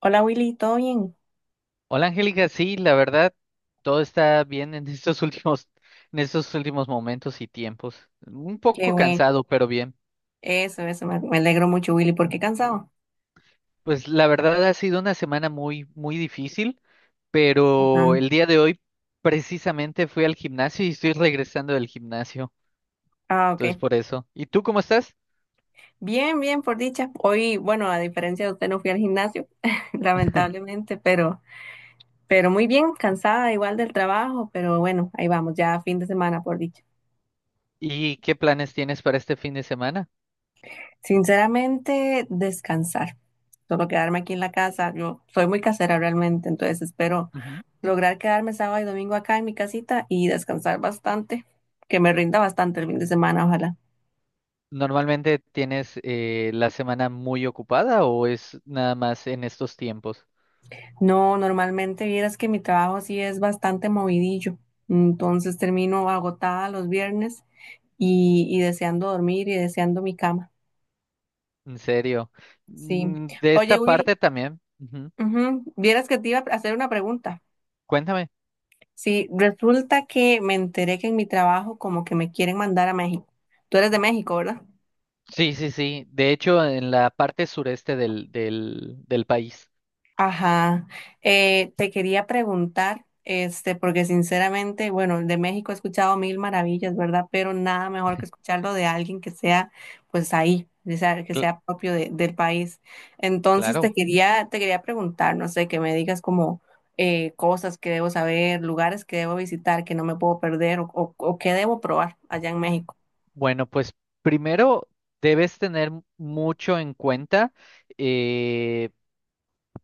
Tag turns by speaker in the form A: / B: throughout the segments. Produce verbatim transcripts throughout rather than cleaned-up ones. A: Hola Willy, ¿todo bien?
B: Hola Angélica, sí, la verdad, todo está bien en estos últimos, en estos últimos momentos y tiempos. Un
A: Qué
B: poco
A: bueno.
B: cansado, pero bien.
A: Eso, eso, me, me alegro mucho Willy, ¿por qué cansado?
B: Pues la verdad ha sido una semana muy, muy difícil,
A: Ajá.
B: pero el día de hoy precisamente fui al gimnasio y estoy regresando del gimnasio.
A: Ah,
B: Entonces
A: ok.
B: por eso. ¿Y tú cómo estás?
A: Bien, bien, por dicha. Hoy, bueno, a diferencia de usted no fui al gimnasio, lamentablemente, pero, pero muy bien, cansada igual del trabajo, pero bueno, ahí vamos, ya fin de semana, por dicha.
B: ¿Y qué planes tienes para este fin de semana?
A: Sinceramente, descansar. Solo quedarme aquí en la casa. Yo soy muy casera realmente, entonces espero
B: Ujú.
A: lograr quedarme sábado y domingo acá en mi casita y descansar bastante, que me rinda bastante el fin de semana, ojalá.
B: ¿Normalmente tienes eh, la semana muy ocupada o es nada más en estos tiempos?
A: No, normalmente vieras que mi trabajo sí es bastante movidillo, entonces termino agotada los viernes y, y deseando dormir y deseando mi cama.
B: En serio.
A: Sí.
B: Mm. De
A: Oye,
B: esta
A: Will,
B: parte también. Ujú.
A: ujú, vieras que te iba a hacer una pregunta.
B: Cuéntame.
A: Sí, resulta que me enteré que en mi trabajo como que me quieren mandar a México. Tú eres de México, ¿verdad?
B: Sí, sí, sí. De hecho, en la parte sureste del, del, del país.
A: Ajá, eh, te quería preguntar, este, porque sinceramente, bueno, de México he escuchado mil maravillas, ¿verdad? Pero nada mejor que escucharlo de alguien que sea, pues ahí, o sea, que
B: Cl-
A: sea propio de- del país. Entonces
B: claro.
A: te quería, te quería preguntar, no sé, que me digas como eh, cosas que debo saber, lugares que debo visitar, que no me puedo perder o, o, o que debo probar allá en México.
B: Bueno, pues primero debes tener mucho en cuenta. eh,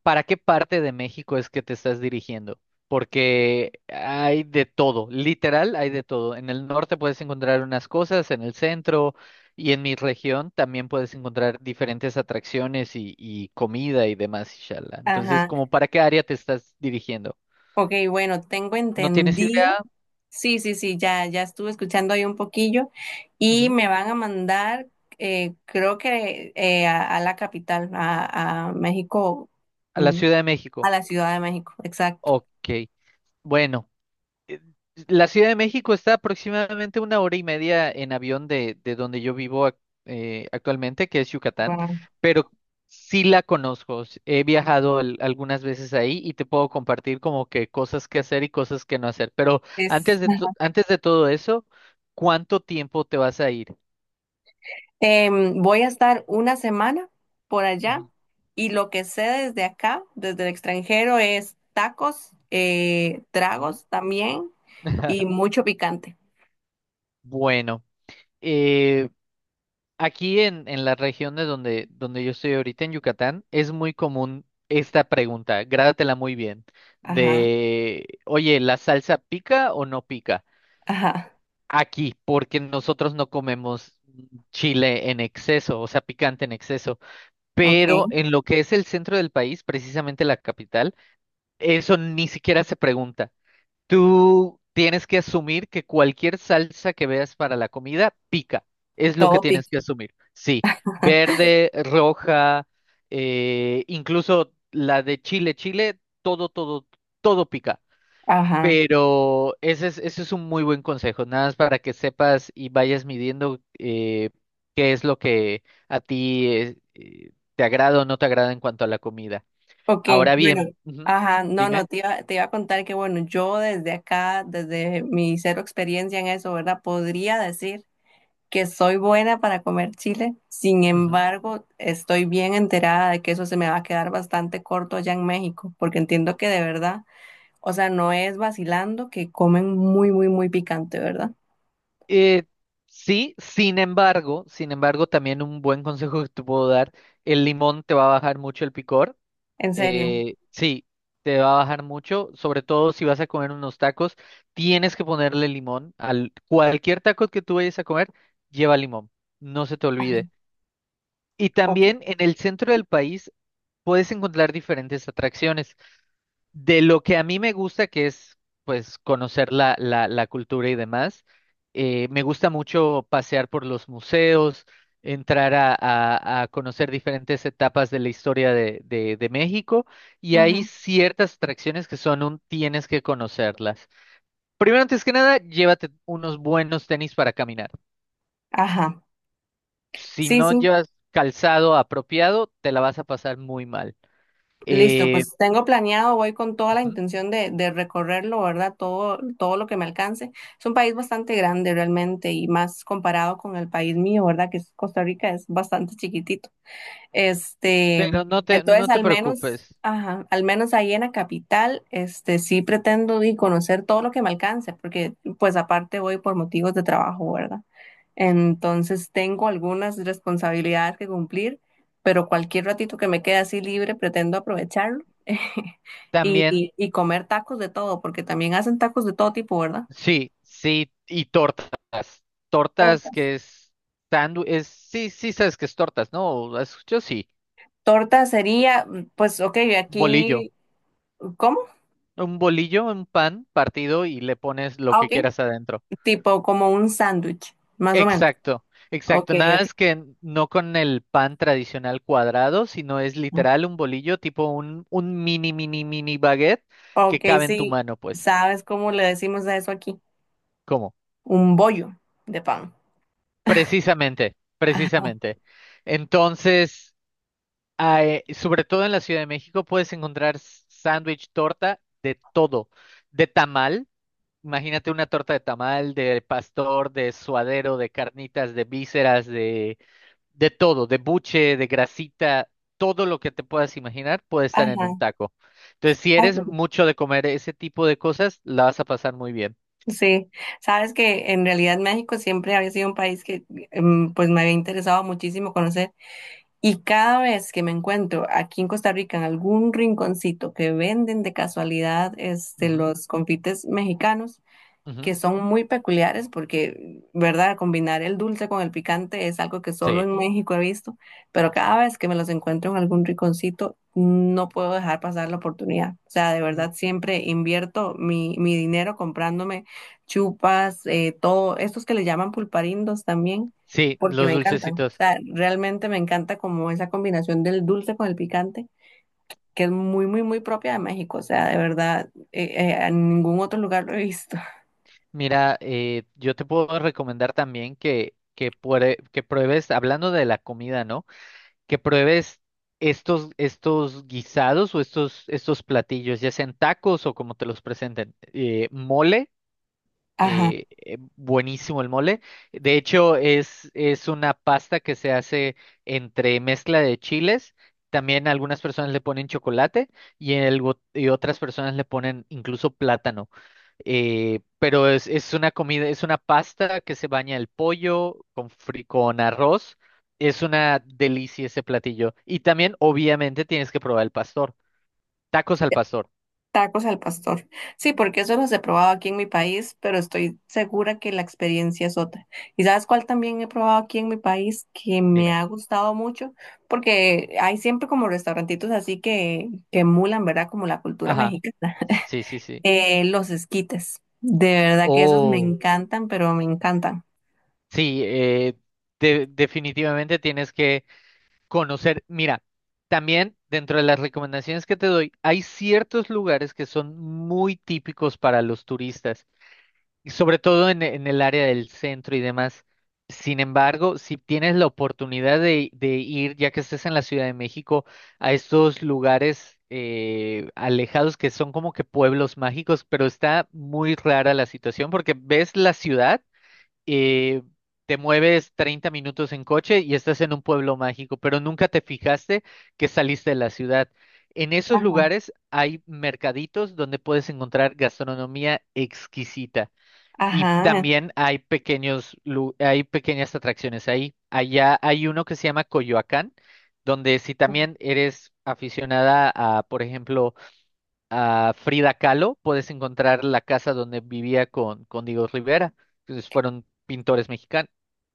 B: ¿Para qué parte de México es que te estás dirigiendo? Porque hay de todo, literal hay de todo. En el norte puedes encontrar unas cosas, en el centro y en mi región también puedes encontrar diferentes atracciones y, y comida y demás, inshallah. Entonces,
A: Ajá,
B: ¿como para qué área te estás dirigiendo?
A: ok, bueno, tengo
B: ¿No tienes
A: entendido.
B: idea?
A: Sí, sí, sí, ya, ya estuve escuchando ahí un poquillo y
B: Ujú.
A: me van a mandar, eh, creo que eh, a, a la capital, a, a México,
B: A la
A: mm,
B: Ciudad de México.
A: a la Ciudad de México, exacto.
B: Ok. Bueno. eh, La Ciudad de México está aproximadamente una hora y media en avión de, de donde yo vivo ac- eh, actualmente, que es Yucatán,
A: Wow.
B: pero sí la conozco. s- He viajado al- algunas veces ahí y te puedo compartir como que cosas que hacer y cosas que no hacer. Pero
A: Es,
B: antes de, to- antes de todo eso, ¿cuánto tiempo te vas a ir?
A: em, voy a estar una semana por allá
B: Ujú,
A: y lo que sé desde acá, desde el extranjero, es tacos, eh,
B: ujú.
A: tragos también y mucho picante.
B: Bueno, eh, aquí en, en las regiones donde, donde yo estoy ahorita, en Yucatán, es muy común esta pregunta, grádatela muy bien,
A: Ajá,
B: de, oye, ¿la salsa pica o no pica?
A: ajá,
B: Aquí, porque nosotros no comemos chile en exceso, o sea, picante en exceso,
A: ok,
B: pero en lo que es el centro del país, precisamente la capital, eso ni siquiera se pregunta. Tú tienes que asumir que cualquier salsa que veas para la comida pica. Es lo que
A: todo
B: tienes
A: pica,
B: que asumir. Sí, verde, roja, eh, incluso la de Chile, Chile, todo, todo, todo pica.
A: ajá.
B: Pero ese es, ese es un muy buen consejo, nada más para que sepas y vayas midiendo, eh, qué es lo que a ti eh, eh, te agrada o no te agrada en cuanto a la comida.
A: Ok,
B: Ahora
A: Bueno,
B: bien, ujú,
A: ajá, no, no,
B: dime.
A: te iba, te iba a contar que bueno, yo desde acá, desde mi cero experiencia en eso, ¿verdad? Podría decir que soy buena para comer chile, sin embargo, estoy bien enterada de que eso se me va a quedar bastante corto allá en México, porque entiendo que de verdad, o sea, no es vacilando que comen muy, muy, muy picante, ¿verdad?
B: Eh, sí, sin embargo, sin embargo, también un buen consejo que te puedo dar, el limón te va a bajar mucho el picor.
A: En serio.
B: Eh, sí, te va a bajar mucho, sobre todo si vas a comer unos tacos, tienes que ponerle limón. Al cualquier taco que tú vayas a comer, lleva limón, no se te
A: Ajá,
B: olvide. Y
A: ok.
B: también en el centro del país puedes encontrar diferentes atracciones. De lo que a mí me gusta, que es pues conocer la, la, la cultura y demás, eh, me gusta mucho pasear por los museos, entrar a, a- a conocer diferentes etapas de la historia de, de- de México y hay
A: Ujú.
B: ciertas atracciones que son un tienes que conocerlas. Primero, antes que nada, llévate unos buenos tenis para caminar.
A: Ajá,
B: Si
A: sí,
B: no
A: sí.
B: llevas calzado apropiado, te la vas a pasar muy mal.
A: Listo,
B: Eh,
A: pues tengo planeado, voy con toda la
B: Ujú,
A: intención de, de recorrerlo, ¿verdad? Todo, todo lo que me alcance. Es un país bastante grande realmente y más comparado con el país mío, ¿verdad? Que es Costa Rica, es bastante chiquitito. Este,
B: pero no te, no
A: entonces
B: te
A: al menos,
B: preocupes.
A: ajá, al menos ahí en la capital, este, sí pretendo y conocer todo lo que me alcance, porque pues aparte voy por motivos de trabajo, ¿verdad? Entonces tengo algunas responsabilidades que cumplir, pero cualquier ratito que me quede así libre, pretendo aprovecharlo y,
B: También
A: y- y comer tacos de todo, porque también hacen tacos de todo tipo, ¿verdad?
B: sí, sí, y tortas. Tortas
A: Tortas.
B: que es sándwich, es, sí, sí sabes que es tortas, ¿no? Has escuchado sí.
A: Torta sería, pues, ok,
B: Bolillo.
A: aquí, ¿cómo?
B: Un bolillo, un pan partido y le pones lo
A: Ah,
B: que
A: ok.
B: quieras adentro.
A: Tipo como un sándwich, más o menos.
B: Exacto,
A: Ok,
B: exacto. Nada
A: ok.
B: es que no con el pan tradicional cuadrado, sino es literal un bolillo, tipo un, un mini, mini, mini baguette
A: Ok,
B: que cabe en tu
A: sí,
B: mano, pues.
A: ¿sabes cómo le decimos a eso aquí?
B: ¿Cómo?
A: Un bollo de pan.
B: Precisamente,
A: Ajá,
B: precisamente. Entonces. Ah, eh, sobre todo en la Ciudad de México puedes encontrar s- sándwich, torta, de todo. De tamal, imagínate una torta de tamal, de pastor, de suadero, de carnitas, de vísceras, de, de todo, de buche, de grasita, todo lo que te puedas imaginar puede estar en un
A: ajá.
B: taco. Entonces, si
A: Ay,
B: eres
A: qué rico.
B: mucho de comer ese tipo de cosas, la vas a pasar muy bien.
A: Sí, sabes que en realidad México siempre había sido un país que em, pues me había interesado muchísimo conocer y cada vez que me encuentro aquí en Costa Rica en algún rinconcito que venden de casualidad este,
B: Ujú,
A: los confites mexicanos,
B: ujú,
A: que son muy peculiares porque, ¿verdad? Combinar el dulce con el picante es algo que solo
B: sí.
A: en México he visto, pero cada vez que me los encuentro en algún rinconcito, no puedo dejar pasar la oportunidad. O sea, de
B: Mm,
A: verdad siempre invierto mi, mi dinero comprándome chupas, eh, todo, estos que le llaman pulparindos también,
B: sí,
A: porque me
B: los
A: encantan. O
B: dulcecitos.
A: sea, realmente me encanta como esa combinación del dulce con el picante. Que es muy, muy, muy propia de México, o sea, de verdad, eh, eh, en ningún otro lugar lo he visto.
B: Mira, eh, yo te puedo recomendar también que, que, puede- que pruebes, hablando de la comida, ¿no? Que pruebes estos, estos guisados o estos, estos platillos, ya sean tacos o como te los presenten. Eh, mole,
A: Ajá.
B: eh, eh, buenísimo el mole. De hecho, es, es una pasta que se hace entre mezcla de chiles. También algunas personas le ponen chocolate y, el go- y otras personas le ponen incluso plátano. Eh, pero es, es una comida, es una pasta que se baña el pollo con, fri- con arroz. Es una delicia ese platillo. Y también, obviamente, tienes que probar el pastor. Tacos al pastor,
A: Tacos al pastor. Sí, porque eso los he probado aquí en mi país, pero estoy segura que la experiencia es otra. ¿Y sabes cuál también he probado aquí en mi país que me
B: dime.
A: ha gustado mucho? Porque hay siempre como restaurantitos así que, que emulan, ¿verdad? Como la cultura
B: Ajá.
A: mexicana.
B: Sí, sí, sí.
A: Eh, los esquites. De verdad que esos me
B: Oh,
A: encantan, pero me encantan.
B: sí, eh, de- definitivamente tienes que conocer. Mira, también dentro de las recomendaciones que te doy, hay ciertos lugares que son muy típicos para los turistas, y sobre todo en, en el área del centro y demás. Sin embargo, si tienes la oportunidad de, de ir, ya que estés en la Ciudad de México, a estos lugares eh, alejados que son como que pueblos mágicos, pero está muy rara la situación porque ves la ciudad, eh, te mueves treinta minutos en coche y estás en un pueblo mágico, pero nunca te fijaste que saliste de la ciudad. En esos
A: Ajá.
B: lugares hay mercaditos donde puedes encontrar gastronomía exquisita y
A: Ajá.
B: también hay pequeños, lu- hay pequeñas atracciones ahí. Allá hay uno que se llama Coyoacán, donde si también eres aficionada a, por ejemplo, a Frida Kahlo, puedes encontrar la casa donde vivía con, con Diego Rivera, que fueron pintores mexicanos.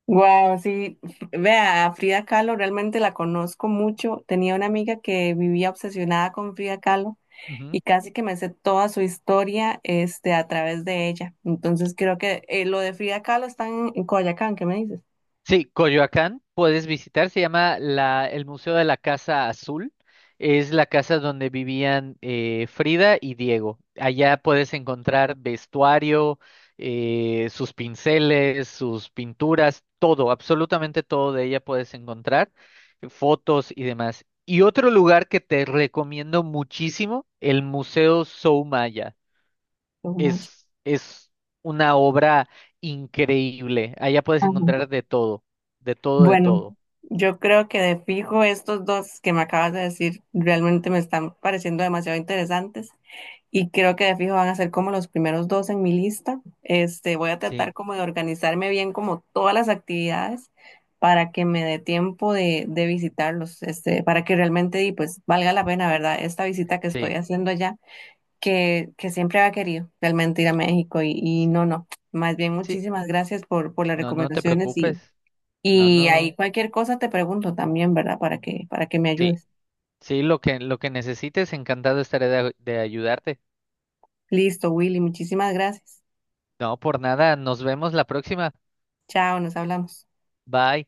A: Wow, sí. Vea, a Frida Kahlo realmente la conozco mucho. Tenía una amiga que vivía obsesionada con Frida Kahlo. Y casi que me sé toda su historia este, a través de ella. Entonces creo que eh, lo de Frida Kahlo está en, en Coyoacán, ¿qué me dices?
B: Sí, Coyoacán puedes visitar, se llama la, el Museo de la Casa Azul. Es la casa donde vivían, eh, Frida y Diego. Allá puedes encontrar vestuario, eh, sus pinceles, sus pinturas, todo, absolutamente todo de ella puedes encontrar, fotos y demás. Y otro lugar que te recomiendo muchísimo, el Museo Soumaya
A: No manches.
B: es, es una obra increíble. Allá puedes encontrar de todo, de todo, de
A: Bueno,
B: todo.
A: yo creo que de fijo estos dos que me acabas de decir realmente me están pareciendo demasiado interesantes y creo que de fijo van a ser como los primeros dos en mi lista. Este, voy a tratar
B: Sí,
A: como de organizarme bien como todas las actividades para que me dé tiempo de, de visitarlos, este, para que realmente y pues valga la pena, ¿verdad? Esta visita que estoy
B: sí,
A: haciendo allá, que, que siempre había querido realmente ir a México y, y
B: sí,
A: no, no. Más bien,
B: sí.
A: muchísimas gracias por, por las
B: No, no te
A: recomendaciones
B: preocupes. No,
A: y ahí
B: no.
A: cualquier cosa te pregunto también, ¿verdad? Para que, para que me
B: Sí,
A: ayudes.
B: sí, lo que, lo que necesites, encantado estaré de de ayudarte.
A: Listo, Willy, muchísimas gracias.
B: No, por nada, nos vemos la próxima.
A: Chao, nos hablamos.
B: Bye.